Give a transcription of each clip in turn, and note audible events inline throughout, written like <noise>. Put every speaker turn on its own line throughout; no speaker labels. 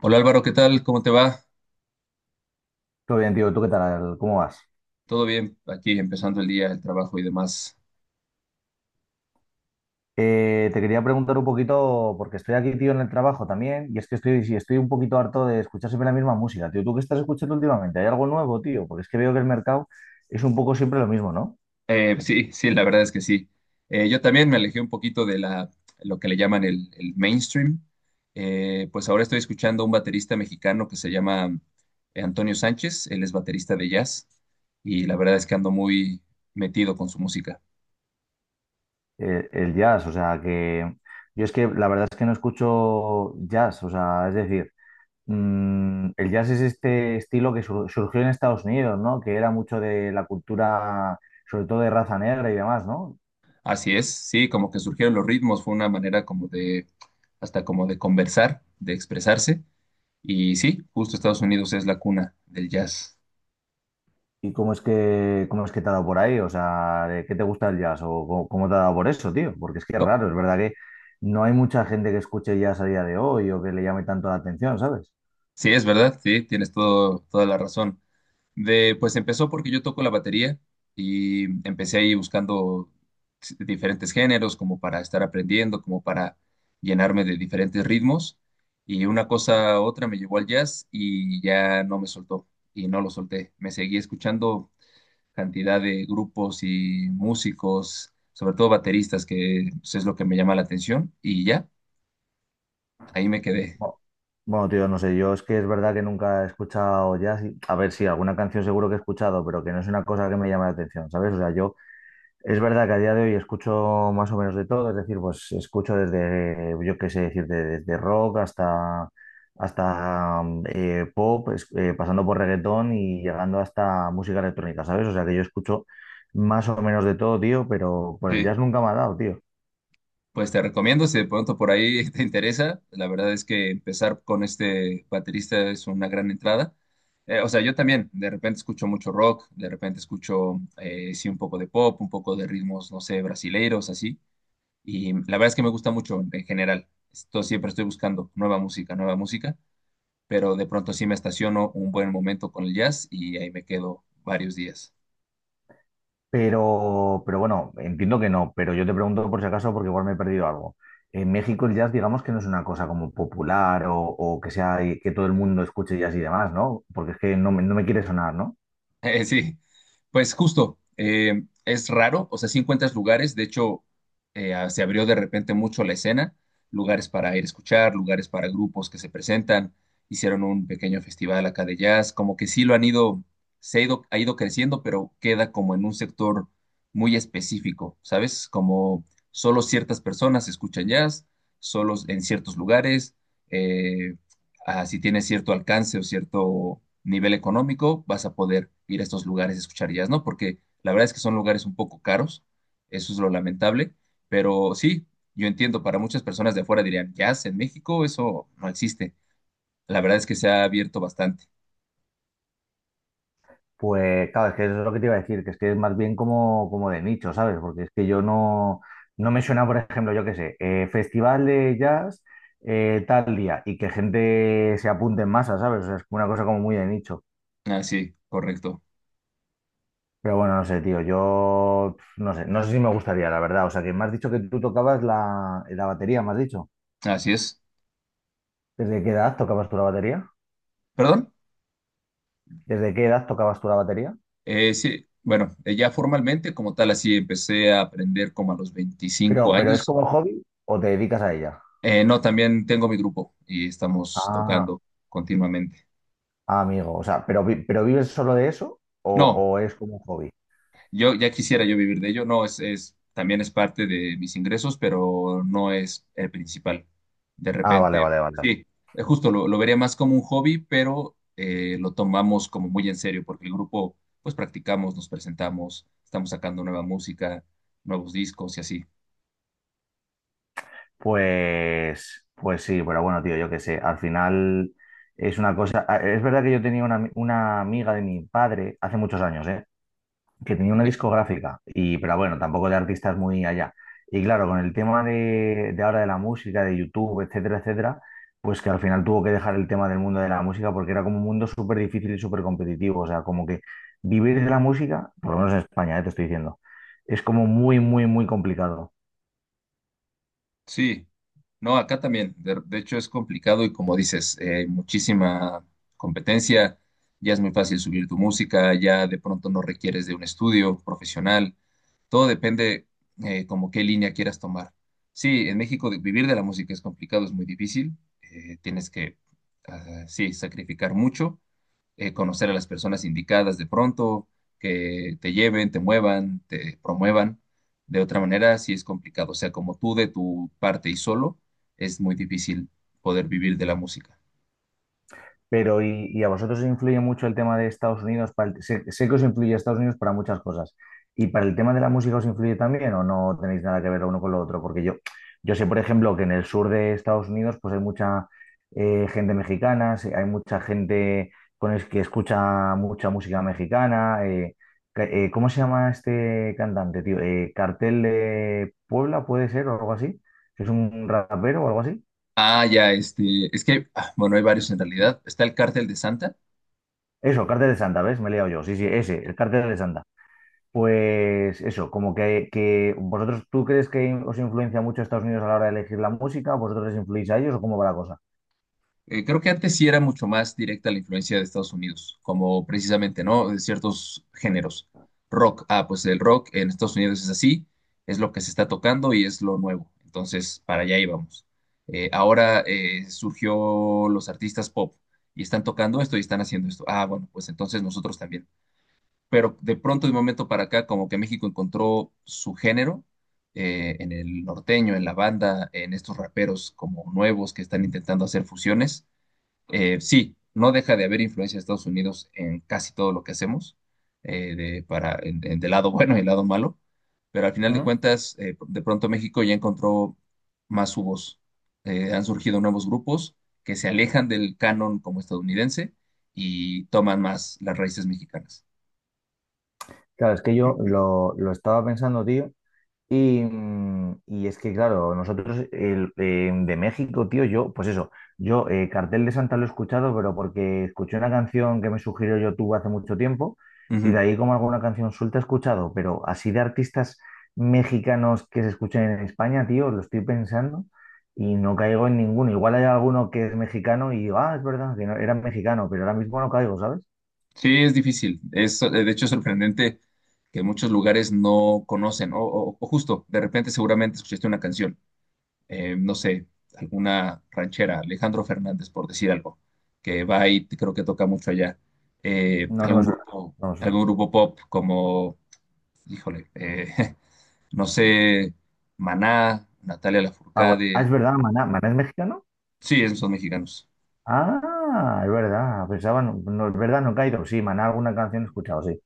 Hola Álvaro, ¿qué tal? ¿Cómo te va?
Todo bien, tío. ¿Tú qué tal? ¿Cómo vas?
¿Todo bien? Aquí empezando el día, el trabajo y demás.
Te quería preguntar un poquito, porque estoy aquí, tío, en el trabajo también, y es que estoy, sí, estoy un poquito harto de escuchar siempre la misma música, tío. ¿Tú qué estás escuchando últimamente? ¿Hay algo nuevo, tío? Porque es que veo que el mercado es un poco siempre lo mismo, ¿no?
Sí, la verdad es que sí. Yo también me alejé un poquito de lo que le llaman el mainstream. Pues ahora estoy escuchando a un baterista mexicano que se llama Antonio Sánchez. Él es baterista de jazz y la verdad es que ando muy metido con su música.
El jazz, o sea, que yo es que la verdad es que no escucho jazz, o sea, es decir, el jazz es este estilo que surgió en Estados Unidos, ¿no? Que era mucho de la cultura, sobre todo de raza negra y demás, ¿no?
Así es, sí, como que surgieron los ritmos, fue una manera como hasta como de conversar, de expresarse. Y sí, justo Estados Unidos es la cuna del jazz.
¿Y cómo es que te ha dado por ahí? O sea, ¿de ¿qué te gusta el jazz? ¿O cómo, cómo te ha dado por eso, tío? Porque es que es
Co-
raro, es verdad que no hay mucha gente que escuche jazz a día de hoy o que le llame tanto la atención, ¿sabes?
Sí, es verdad, sí, toda la razón. Pues empezó porque yo toco la batería y empecé ahí buscando diferentes géneros como para estar aprendiendo, como para llenarme de diferentes ritmos. Y una cosa a otra me llevó al jazz y ya no me soltó y no lo solté. Me seguí escuchando cantidad de grupos y músicos, sobre todo bateristas, que pues, es lo que me llama la atención y ya. Ahí me quedé.
Bueno, bueno, tío, no sé, yo es que es verdad que nunca he escuchado jazz. A ver, sí, alguna canción seguro que he escuchado, pero que no es una cosa que me llame la atención, ¿sabes? O sea, yo es verdad que a día de hoy escucho más o menos de todo, es decir, pues escucho desde, yo qué sé decir, desde rock hasta, hasta pop, pasando por reggaetón y llegando hasta música electrónica, ¿sabes? O sea que yo escucho más o menos de todo, tío, pero por el
Sí.
jazz nunca me ha dado, tío.
Pues te recomiendo, si de pronto por ahí <laughs> te interesa, la verdad es que empezar con este baterista es una gran entrada. O sea, yo también de repente escucho mucho rock, de repente escucho, sí, un poco de pop, un poco de ritmos, no sé, brasileiros, así. Y la verdad es que me gusta mucho en general. Esto siempre estoy buscando nueva música, pero de pronto sí me estaciono un buen momento con el jazz y ahí me quedo varios días.
Pero bueno, entiendo que no, pero yo te pregunto por si acaso porque igual me he perdido algo. En México el jazz, digamos que no es una cosa como popular o que sea que todo el mundo escuche jazz y demás, ¿no? Porque es que no, no me quiere sonar, ¿no?
Sí, pues justo, es raro, o sea, sí encuentras lugares, de hecho, se abrió de repente mucho la escena, lugares para ir a escuchar, lugares para grupos que se presentan, hicieron un pequeño festival acá de jazz, como que sí lo han ido, se ha ido creciendo, pero queda como en un sector muy específico, ¿sabes? Como solo ciertas personas escuchan jazz, solo en ciertos lugares, eh, si tienes cierto alcance o cierto nivel económico, vas a poder ir a estos lugares a escuchar jazz, ¿no? Porque la verdad es que son lugares un poco caros, eso es lo lamentable, pero sí, yo entiendo, para muchas personas de afuera dirían, jazz en México, eso no existe. La verdad es que se ha abierto bastante.
Pues claro, es que eso es lo que te iba a decir, que es más bien como, como de nicho, ¿sabes? Porque es que yo no, no me suena, por ejemplo, yo qué sé, festival de jazz tal día y que gente se apunte en masa, ¿sabes? O sea, es una cosa como muy de nicho.
Ah, sí, correcto.
Pero bueno, no sé, tío, yo pf, no sé, no sé si me gustaría, la verdad. O sea, que me has dicho que tú tocabas la, la batería, me has dicho.
Así es.
¿Desde qué edad tocabas tú la batería?
¿Perdón?
¿Desde qué edad tocabas tú la batería?
Sí, bueno, ya formalmente como tal, así empecé a aprender como a los 25
Pero ¿es
años.
como hobby o te dedicas a ella?
No, también tengo mi grupo y estamos
Ah.
tocando continuamente.
Ah, amigo, o sea, ¿pero, pero vives solo de eso
No,
o es como un hobby?
yo ya quisiera yo vivir de ello, no, también es parte de mis ingresos, pero no es el principal. De
Ah, vale,
repente,
vale, vale.
sí, justo lo vería más como un hobby, pero lo tomamos como muy en serio, porque el grupo, pues practicamos, nos presentamos, estamos sacando nueva música, nuevos discos y así.
Pues, pues sí, pero bueno, tío, yo qué sé, al final es una cosa... ah, es verdad que yo tenía una, una amiga de mi padre hace muchos años, ¿eh? Que tenía una
Ok.
discográfica, y, pero bueno, tampoco de artistas muy allá. Y claro, con el tema de ahora de la música, de YouTube, etcétera, etcétera, pues que al final tuvo que dejar el tema del mundo de la música porque era como un mundo súper difícil y súper competitivo. O sea, como que vivir de la música, por lo menos en España, te estoy diciendo, es como muy, muy, muy complicado.
Sí, no, acá también, de hecho es complicado y como dices, muchísima competencia, ya es muy fácil subir tu música, ya de pronto no requieres de un estudio profesional. Todo depende como qué línea quieras tomar. Sí, en México vivir de la música es complicado, es muy difícil. Tienes que sí, sacrificar mucho, conocer a las personas indicadas de pronto, que te lleven, te muevan, te promuevan. De otra manera, sí es complicado. O sea, como tú de tu parte y solo, es muy difícil poder vivir de la música.
Pero, y a vosotros os influye mucho el tema de Estados Unidos? Sé, sé que os influye Estados Unidos para muchas cosas. ¿Y para el tema de la música os influye también o no tenéis nada que ver lo uno con lo otro? Porque yo sé, por ejemplo, que en el sur de Estados Unidos pues hay mucha gente mexicana, sí, hay mucha gente con el que escucha mucha música mexicana. ¿Cómo se llama este cantante, tío? Cartel de Puebla, puede ser, o algo así. ¿Es un rapero o algo así?
Es que, ah, bueno, hay varios en realidad. Está el Cártel de Santa.
Eso, Cartel de Santa, ¿ves? Me he liado yo. Sí, sí, ese, el Cartel de Santa. Pues eso, como que vosotros, ¿tú crees que os influencia mucho Estados Unidos a la hora de elegir la música? ¿Vosotros les influís a ellos o cómo va la cosa?
Creo que antes sí era mucho más directa la influencia de Estados Unidos, como precisamente, ¿no? De ciertos géneros. Rock, ah, pues el rock en Estados Unidos es así, es lo que se está tocando y es lo nuevo. Entonces, para allá íbamos. Ahora surgió los artistas pop y están tocando esto y están haciendo esto. Ah, bueno, pues entonces nosotros también. Pero de pronto, de un momento para acá, como que México encontró su género en el norteño, en la banda, en estos raperos como nuevos que están intentando hacer fusiones. Sí, no deja de haber influencia de Estados Unidos en casi todo lo que hacemos, de, para, en- del lado <laughs> bueno y el lado malo, pero al final de
¿Mm?
cuentas, de pronto México ya encontró más su voz. Han surgido nuevos grupos que se alejan del canon como estadounidense y toman más las raíces mexicanas.
Claro, es que yo lo estaba pensando, tío, y, y es que, claro, nosotros el, de México, tío, yo, pues eso, yo Cartel de Santa lo he escuchado, pero porque escuché una canción que me sugirió YouTube hace mucho tiempo y de
Ujú.
ahí como alguna canción suelta he escuchado, pero así de artistas mexicanos que se escuchen en España, tío, lo estoy pensando y no caigo en ninguno. Igual hay alguno que es mexicano y digo, ah, es verdad, que no- era mexicano, pero ahora mismo no caigo, ¿sabes?
Sí, es difícil. De hecho, es sorprendente que muchos lugares no conocen, o justo, de repente seguramente escuchaste una canción, no sé, alguna ranchera, Alejandro Fernández, por decir algo, que va y creo que toca mucho allá.
No, no me suena, no me
Algún
suena.
grupo pop como, híjole, <laughs> no sé, Maná, Natalia
Ah, bueno, ah,
Lafourcade,
es verdad, Maná, ¿Maná es mexicano?
sí, esos son mexicanos.
Ah, es verdad, pensaba, no, no, es verdad, no he caído. Sí, Maná, alguna canción he escuchado, sí.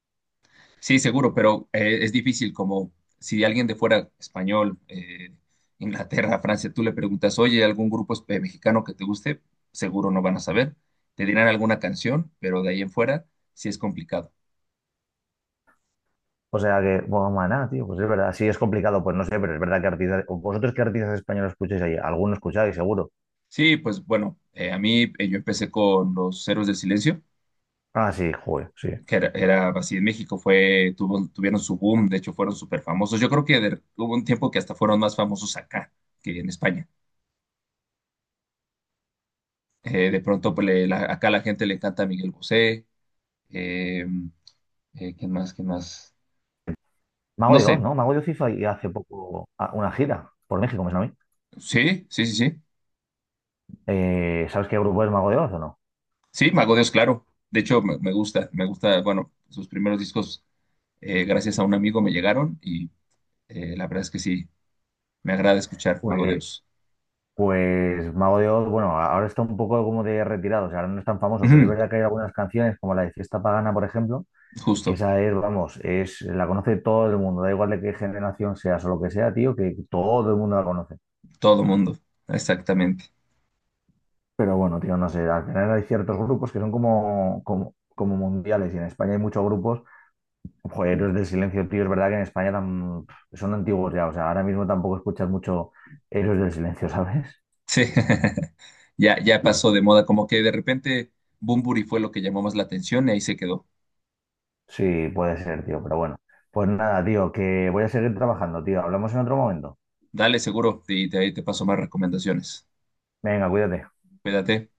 Sí, seguro, pero es difícil como si alguien de fuera español, Inglaterra, Francia, tú le preguntas, oye, ¿algún grupo mexicano que te guste? Seguro no van a saber. Te dirán alguna canción, pero de ahí en fuera sí es complicado.
O sea que, bueno, Maná, tío, pues es verdad, sí es complicado, pues no sé, pero es verdad que artistas, o vosotros qué artistas españoles escucháis ahí, alguno escucháis, seguro.
Sí, pues bueno, a mí yo empecé con los Héroes del Silencio,
Ah, sí, joder, sí.
que era así en México, tuvieron su boom, de hecho fueron súper famosos. Yo creo que hubo un tiempo que hasta fueron más famosos acá que en España. De pronto, pues, acá a la gente le encanta Miguel Bosé, eh, ¿quién más? ¿Quién más?
Mago
No
de
sé,
Oz, ¿no? Mago de Oz hizo ahí hace poco ah, una gira por México, me suena a mí.
sí, sí, sí, sí.
¿Sabes qué grupo es Mago de Oz o no?
Sí, Mago Dios, claro. De hecho, me gusta, bueno, sus primeros discos, gracias a un amigo me llegaron y la verdad es que sí, me agrada escuchar Mago
Pues,
Dios.
pues Mago de Oz, bueno, ahora está un poco como de retirado, o sea, ahora no es tan famoso, pero es
Ujú.
verdad que hay algunas canciones, como la de Fiesta Pagana, por ejemplo, que
Justo,
esa es, vamos, es, la conoce todo el mundo, da igual de qué generación seas o lo que sea, tío, que todo el mundo la conoce.
todo mundo, exactamente.
Pero bueno, tío, no sé, al final hay ciertos grupos que son como, como, como mundiales y en España hay muchos grupos, joder, Héroes del Silencio, tío, es verdad que en España son antiguos ya, o sea, ahora mismo tampoco escuchas mucho Héroes del Silencio, <laughs> ¿sabes?
Sí, <laughs> ya, ya pasó de moda, como que de repente Bunbury fue lo que llamó más la atención y ahí se quedó.
Sí, puede ser, tío, pero bueno. Pues nada, tío, que voy a seguir trabajando, tío. Hablamos en otro momento.
Dale seguro y de ahí te paso más recomendaciones.
Venga, cuídate.
Cuídate.